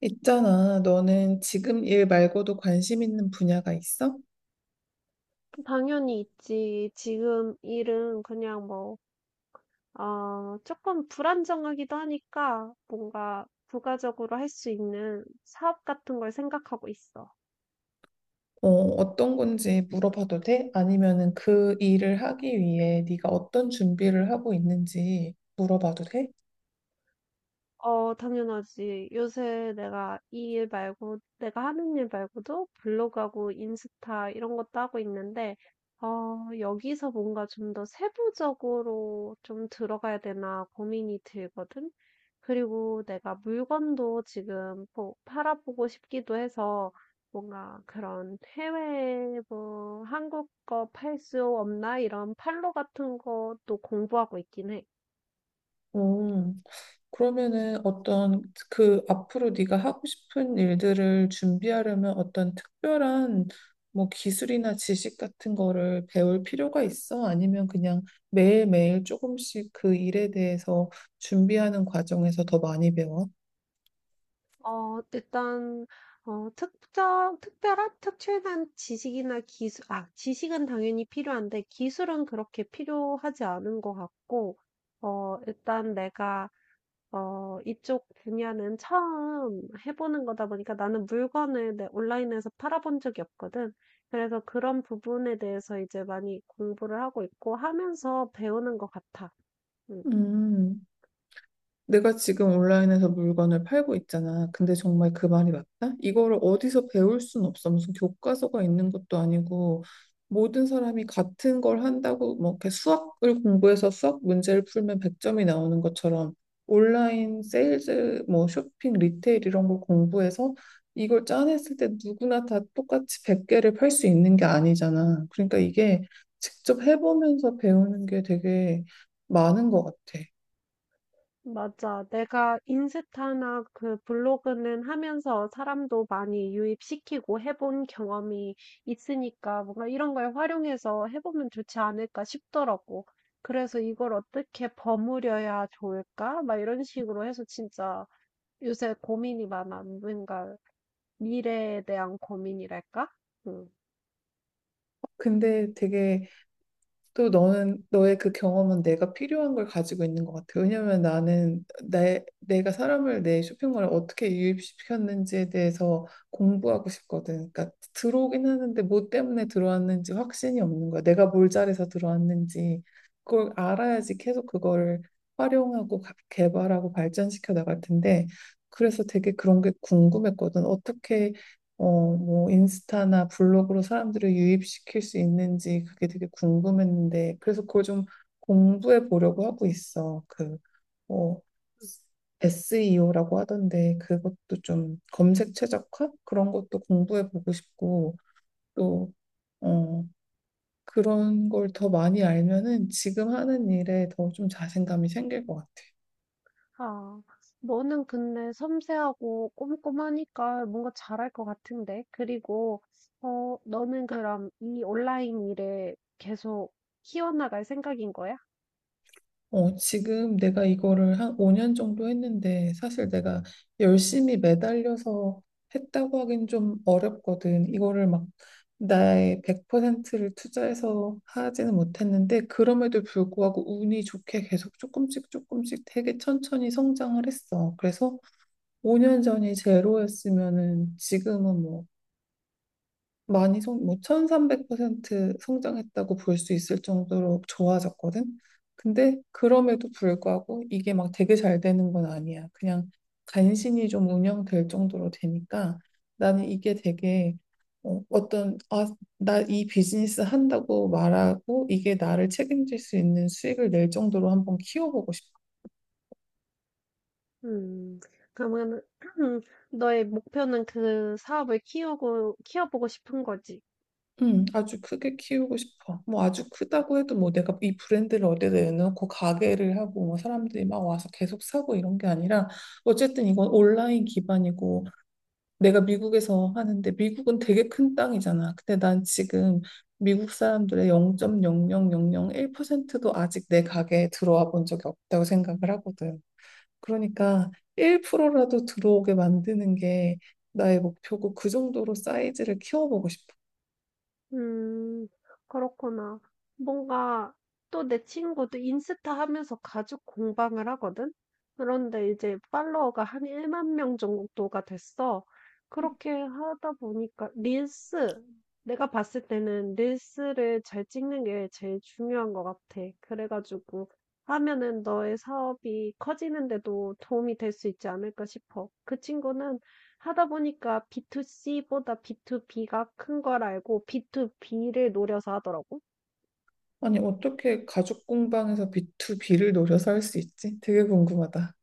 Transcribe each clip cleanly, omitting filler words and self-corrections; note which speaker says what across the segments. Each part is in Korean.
Speaker 1: 있잖아, 너는 지금 일 말고도 관심 있는 분야가 있어?
Speaker 2: 당연히 있지. 지금 일은 그냥 뭐, 조금 불안정하기도 하니까 뭔가 부가적으로 할 수 있는 사업 같은 걸 생각하고 있어.
Speaker 1: 어떤 건지 물어봐도 돼? 아니면은 그 일을 하기 위해 네가 어떤 준비를 하고 있는지 물어봐도 돼?
Speaker 2: 당연하지. 요새 내가 이 일 말고, 내가 하는 일 말고도 블로그하고 인스타 이런 것도 하고 있는데, 여기서 뭔가 좀 더 세부적으로 좀 들어가야 되나 고민이 들거든. 그리고 내가 물건도 지금 팔아보고 싶기도 해서 뭔가 그런 해외 뭐 한국 거 팔 수 없나 이런 팔로 같은 것도 공부하고 있긴 해.
Speaker 1: 음, 그러면은 어떤 그 앞으로 네가 하고 싶은 일들을 준비하려면 어떤 특별한 뭐 기술이나 지식 같은 거를 배울 필요가 있어? 아니면 그냥 매일매일 조금씩 그 일에 대해서 준비하는 과정에서 더 많이 배워?
Speaker 2: 어, 일단 특정 특별한 특출난 지식이나 기술 아, 지식은 당연히 필요한데 기술은 그렇게 필요하지 않은 것 같고 어, 일단 내가 이쪽 분야는 처음 해보는 거다 보니까 나는 물건을 온라인에서 팔아본 적이 없거든. 그래서 그런 부분에 대해서 이제 많이 공부를 하고 있고 하면서 배우는 것 같아. 음.
Speaker 1: 음, 내가 지금 온라인에서 물건을 팔고 있잖아. 근데 정말 그 말이 맞다? 이거를 어디서 배울 순 없어. 무슨 교과서가 있는 것도 아니고 모든 사람이 같은 걸 한다고 뭐 이렇게 수학을 공부해서 수학 문제를 풀면 100점이 나오는 것처럼 온라인 세일즈 뭐 쇼핑 리테일 이런 걸 공부해서 이걸 짜냈을 때 누구나 다 똑같이 100개를 팔 수 있는 게 아니잖아. 그러니까 이게 직접 해보면서 배우는 게 되게 많은 것 같아.
Speaker 2: 맞아. 내가 인스타나 그 블로그는 하면서 사람도 많이 유입시키고 해본 경험이 있으니까 뭔가 이런 걸 활용해서 해보면 좋지 않을까 싶더라고. 그래서 이걸 어떻게 버무려야 좋을까? 막 이런 식으로 해서 진짜 요새 고민이 많아. 뭔가 미래에 대한 고민이랄까? 응.
Speaker 1: 근데 되게 또 너는 너의 그 경험은 내가 필요한 걸 가지고 있는 것 같아. 왜냐면 나는 내가 사람을 내 쇼핑몰에 어떻게 유입시켰는지에 대해서 공부하고 싶거든. 그러니까 들어오긴 하는데 뭐 때문에 들어왔는지 확신이 없는 거야. 내가 뭘 잘해서 들어왔는지 그걸 알아야지 계속 그거를 활용하고 개발하고 발전시켜 나갈 텐데 그래서 되게 그런 게 궁금했거든. 어떻게 인스타나 블로그로 사람들을 유입시킬 수 있는지 그게 되게 궁금했는데, 그래서 그걸 좀 공부해 보려고 하고 있어. 어, SEO라고 하던데, 그것도 좀 검색 최적화? 그런 것도 공부해 보고 싶고, 또, 어, 그런 걸 더 많이 알면은 지금 하는 일에 더 좀 자신감이 생길 것 같아.
Speaker 2: 아, 너는 근데 섬세하고 꼼꼼하니까 뭔가 잘할 것 같은데. 그리고, 너는 그럼 이 온라인 일에 계속 키워나갈 생각인 거야?
Speaker 1: 어, 지금 내가 이거를 한 5년 정도 했는데 사실 내가 열심히 매달려서 했다고 하긴 좀 어렵거든. 이거를 막 나의 100%를 투자해서 하지는 못했는데 그럼에도 불구하고 운이 좋게 계속 조금씩 조금씩 되게 천천히 성장을 했어. 그래서 5년 전이 제로였으면은 지금은 뭐 1300% 성장했다고 볼 수 있을 정도로 좋아졌거든. 근데 그럼에도 불구하고 이게 막 되게 잘 되는 건 아니야. 그냥 간신히 좀 운영될 정도로 되니까 나는 이게 되게 어, 어떤 아, 나 이 비즈니스 한다고 말하고 이게 나를 책임질 수 있는 수익을 낼 정도로 한번 키워보고 싶어.
Speaker 2: 음, 그러면, 너의 목표는 그 사업을 키우고, 키워보고 싶은 거지.
Speaker 1: 아주 크게 키우고 싶어. 뭐 아주 크다고 해도 뭐 내가 이 브랜드를 어디다 내놓고 가게를 하고 뭐 사람들이 막 와서 계속 사고 이런 게 아니라 어쨌든 이건 온라인 기반이고 내가 미국에서 하는데 미국은 되게 큰 땅이잖아. 근데 난 지금 미국 사람들의 0.00001%도 아직 내 가게에 들어와 본 적이 없다고 생각을 하거든. 그러니까 1%라도 들어오게 만드는 게 나의 목표고 그 정도로 사이즈를 키워보고 싶어.
Speaker 2: 음, 그렇구나. 뭔가 또 내 친구도 인스타 하면서 가죽 공방을 하거든? 그런데 이제 팔로워가 한 1만 명 정도가 됐어. 그렇게 하다 보니까 내가 봤을 때는 릴스를 잘 찍는 게 제일 중요한 것 같아. 그래가지고 하면은 너의 사업이 커지는데도 도움이 될 수 있지 않을까 싶어. 그 친구는 하다 보니까 B2C보다 B2B가 큰 걸 알고 B2B를 노려서 하더라고.
Speaker 1: 아니, 어떻게 가죽 공방에서 B2B를 노려서 할 수 있지? 되게 궁금하다.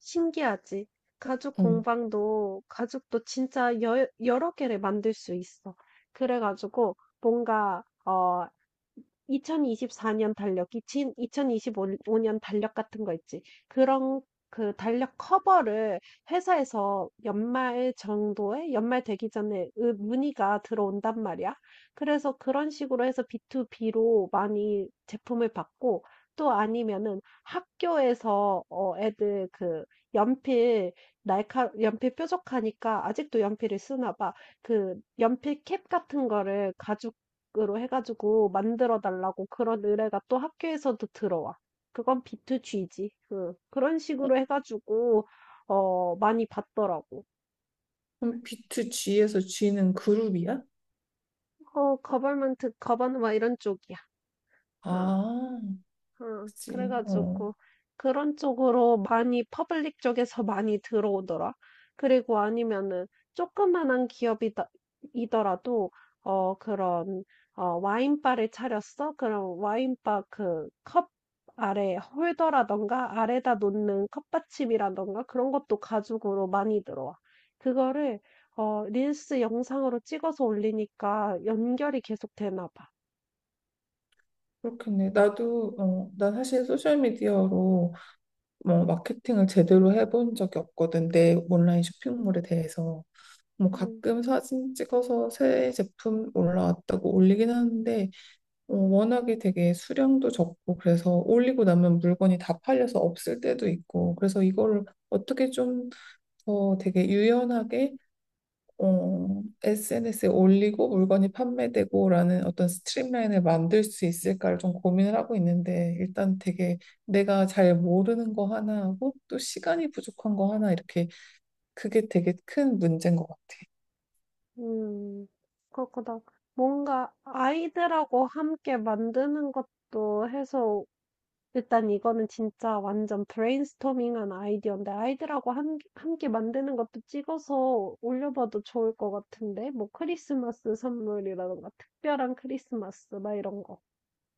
Speaker 2: 신기하지? 가죽
Speaker 1: 응.
Speaker 2: 공방도, 가죽도 진짜 여러 개를 만들 수 있어. 그래가지고 뭔가, 2024년 달력이 진 2025년 달력 같은 거 있지. 그런 그 달력 커버를 회사에서 연말 정도에 연말 되기 전에 으 문의가 들어온단 말이야. 그래서 그런 식으로 해서 B2B로 많이 제품을 받고 또 아니면은 학교에서 어 애들 그 연필 날카 연필 뾰족하니까 아직도 연필을 쓰나 봐. 그 연필 캡 같은 거를 가지고 으로 해가지고 만들어 달라고 그런 의뢰가 또 학교에서도 들어와. 그건 B2G지. 그, 그런
Speaker 1: 어?
Speaker 2: 식으로 해가지고, 많이 받더라고.
Speaker 1: 그럼 B2G에서 G는 그룹이야?
Speaker 2: 어, 거벌먼트, 거버너 이런 쪽이야. 어.
Speaker 1: 아,
Speaker 2: 응,
Speaker 1: 그치. 어,
Speaker 2: 그래가지고 그런 쪽으로 많이 퍼블릭 쪽에서 많이 들어오더라. 그리고 아니면은 조그만한 기업이다 이더라도 어 그런 어 와인바를 차렸어? 그럼 와인바 그 컵 아래 홀더라던가 아래다 놓는 컵받침이라던가 그런 것도 가죽으로 많이 들어와. 그거를 어 릴스 영상으로 찍어서 올리니까 연결이 계속 되나 봐.
Speaker 1: 그렇겠네. 난 사실 소셜미디어로 뭐 마케팅을 제대로 해본 적이 없거든. 내 온라인 쇼핑몰에 대해서. 뭐
Speaker 2: 음.
Speaker 1: 가끔 사진 찍어서 새 제품 올라왔다고 올리긴 하는데, 어, 워낙에 되게 수량도 적고 그래서 올리고 나면 물건이 다 팔려서 없을 때도 있고 그래서 이거를 어떻게 좀 더 되게 유연하게 어, SNS에 올리고 물건이 판매되고라는 어떤 스트림라인을 만들 수 있을까를 좀 고민을 하고 있는데 일단 되게 내가 잘 모르는 거 하나하고 또 시간이 부족한 거 하나 이렇게 그게 되게 큰 문제인 것 같아.
Speaker 2: 음, 그렇구나. 뭔가 아이들하고 함께 만드는 것도 해서, 일단 이거는 진짜 완전 브레인스토밍한 아이디어인데, 아이들하고 함께 만드는 것도 찍어서 올려봐도 좋을 것 같은데, 뭐 크리스마스 선물이라던가, 특별한 크리스마스, 막 이런 거.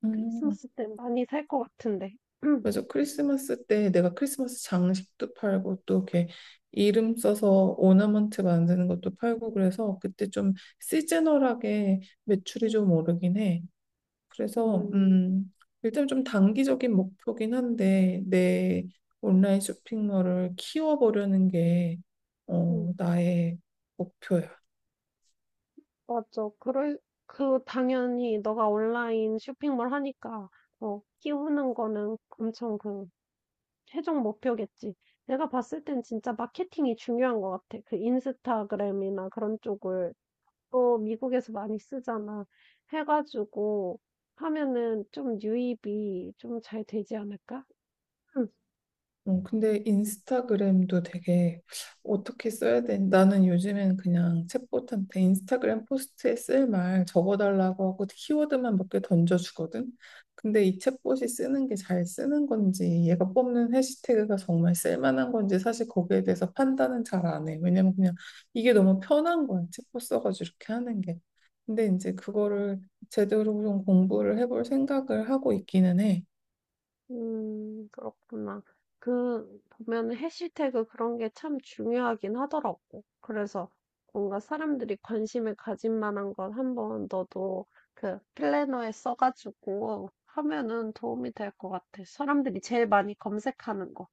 Speaker 1: 음.
Speaker 2: 크리스마스 때 많이 살 것 같은데.
Speaker 1: 맞아. 크리스마스 때 내가 크리스마스 장식도 팔고 또 이렇게 이름 써서 오너먼트 만드는 것도 팔고 그래서 그때 좀 시즈널하게 매출이
Speaker 2: 음,
Speaker 1: 좀 오르긴 해. 그래서
Speaker 2: 음,
Speaker 1: 일단 좀 단기적인 목표긴 한데 내 온라인 쇼핑몰을 키워보려는 게
Speaker 2: 음.
Speaker 1: 어, 나의 목표야.
Speaker 2: 맞죠. 그럴, 그, 당연히 너가 온라인 쇼핑몰 하니까, 키우는 거는 엄청 그, 최종 목표겠지. 내가 봤을 땐 진짜 마케팅이 중요한 것 같아. 그 인스타그램이나 그런 쪽을 또 미국에서 많이 쓰잖아. 해가지고 하면은 좀 유입이 좀 잘 되지 않을까?
Speaker 1: 어, 근데 인스타그램도 되게 어떻게 써야 되는 나는 요즘엔 그냥 챗봇한테 인스타그램 포스트에 쓸 말 적어달라고 하고 키워드만 몇 개 던져주거든. 근데 이 챗봇이 쓰는 게 잘 쓰는 건지 얘가 뽑는 해시태그가 정말 쓸만한 건지 사실 거기에 대해서 판단은 잘 안 해. 왜냐면 그냥 이게 너무 편한 거야. 챗봇 써가지고 이렇게 하는 게. 근데 이제 그거를 제대로 좀 공부를 해볼 생각을 하고 있기는 해.
Speaker 2: 그렇구나. 그 보면은 해시태그 그런 게 참 중요하긴 하더라고. 그래서 뭔가 사람들이 관심을 가질 만한 건 한번 너도 그 플래너에 써 가지고 하면은 도움이 될 것 같아. 사람들이 제일 많이 검색하는 거.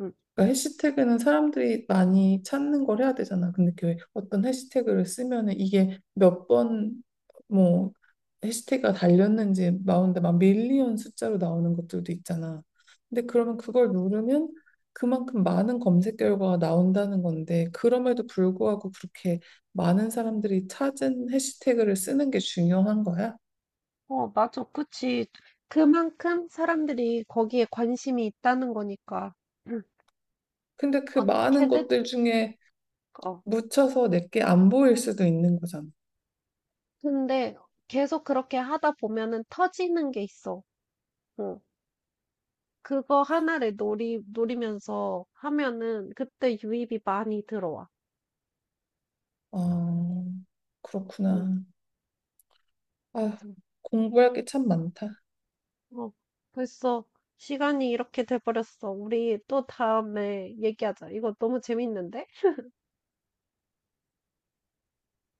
Speaker 2: 음.
Speaker 1: 그러니까 해시태그는 사람들이 많이 찾는 걸 해야 되잖아. 근데 그 어떤 해시태그를 쓰면은 이게 몇 번 뭐 해시태그가 달렸는지 나오는데 막 밀리언 숫자로 나오는 것들도 있잖아. 근데 그러면 그걸 누르면 그만큼 많은 검색 결과가 나온다는 건데 그럼에도 불구하고 그렇게 많은 사람들이 찾은 해시태그를 쓰는 게 중요한 거야.
Speaker 2: 어, 맞아. 그치. 그만큼 사람들이 거기에 관심이 있다는 거니까. 음,
Speaker 1: 근데 그 많은
Speaker 2: 어떻게든,
Speaker 1: 것들 중에
Speaker 2: 어.
Speaker 1: 묻혀서 내게 안 보일 수도 있는 거잖아.
Speaker 2: 근데 계속 그렇게 하다 보면은 터지는 게 있어. 어. 그거 하나를 노리면서 하면은 그때 유입이 많이 들어와.
Speaker 1: 아,
Speaker 2: 응.
Speaker 1: 그렇구나. 아,
Speaker 2: 맞아.
Speaker 1: 공부할 게 참 많다.
Speaker 2: 어, 벌써 시간이 이렇게 돼버렸어. 우리 또 다음에 얘기하자. 이거 너무 재밌는데?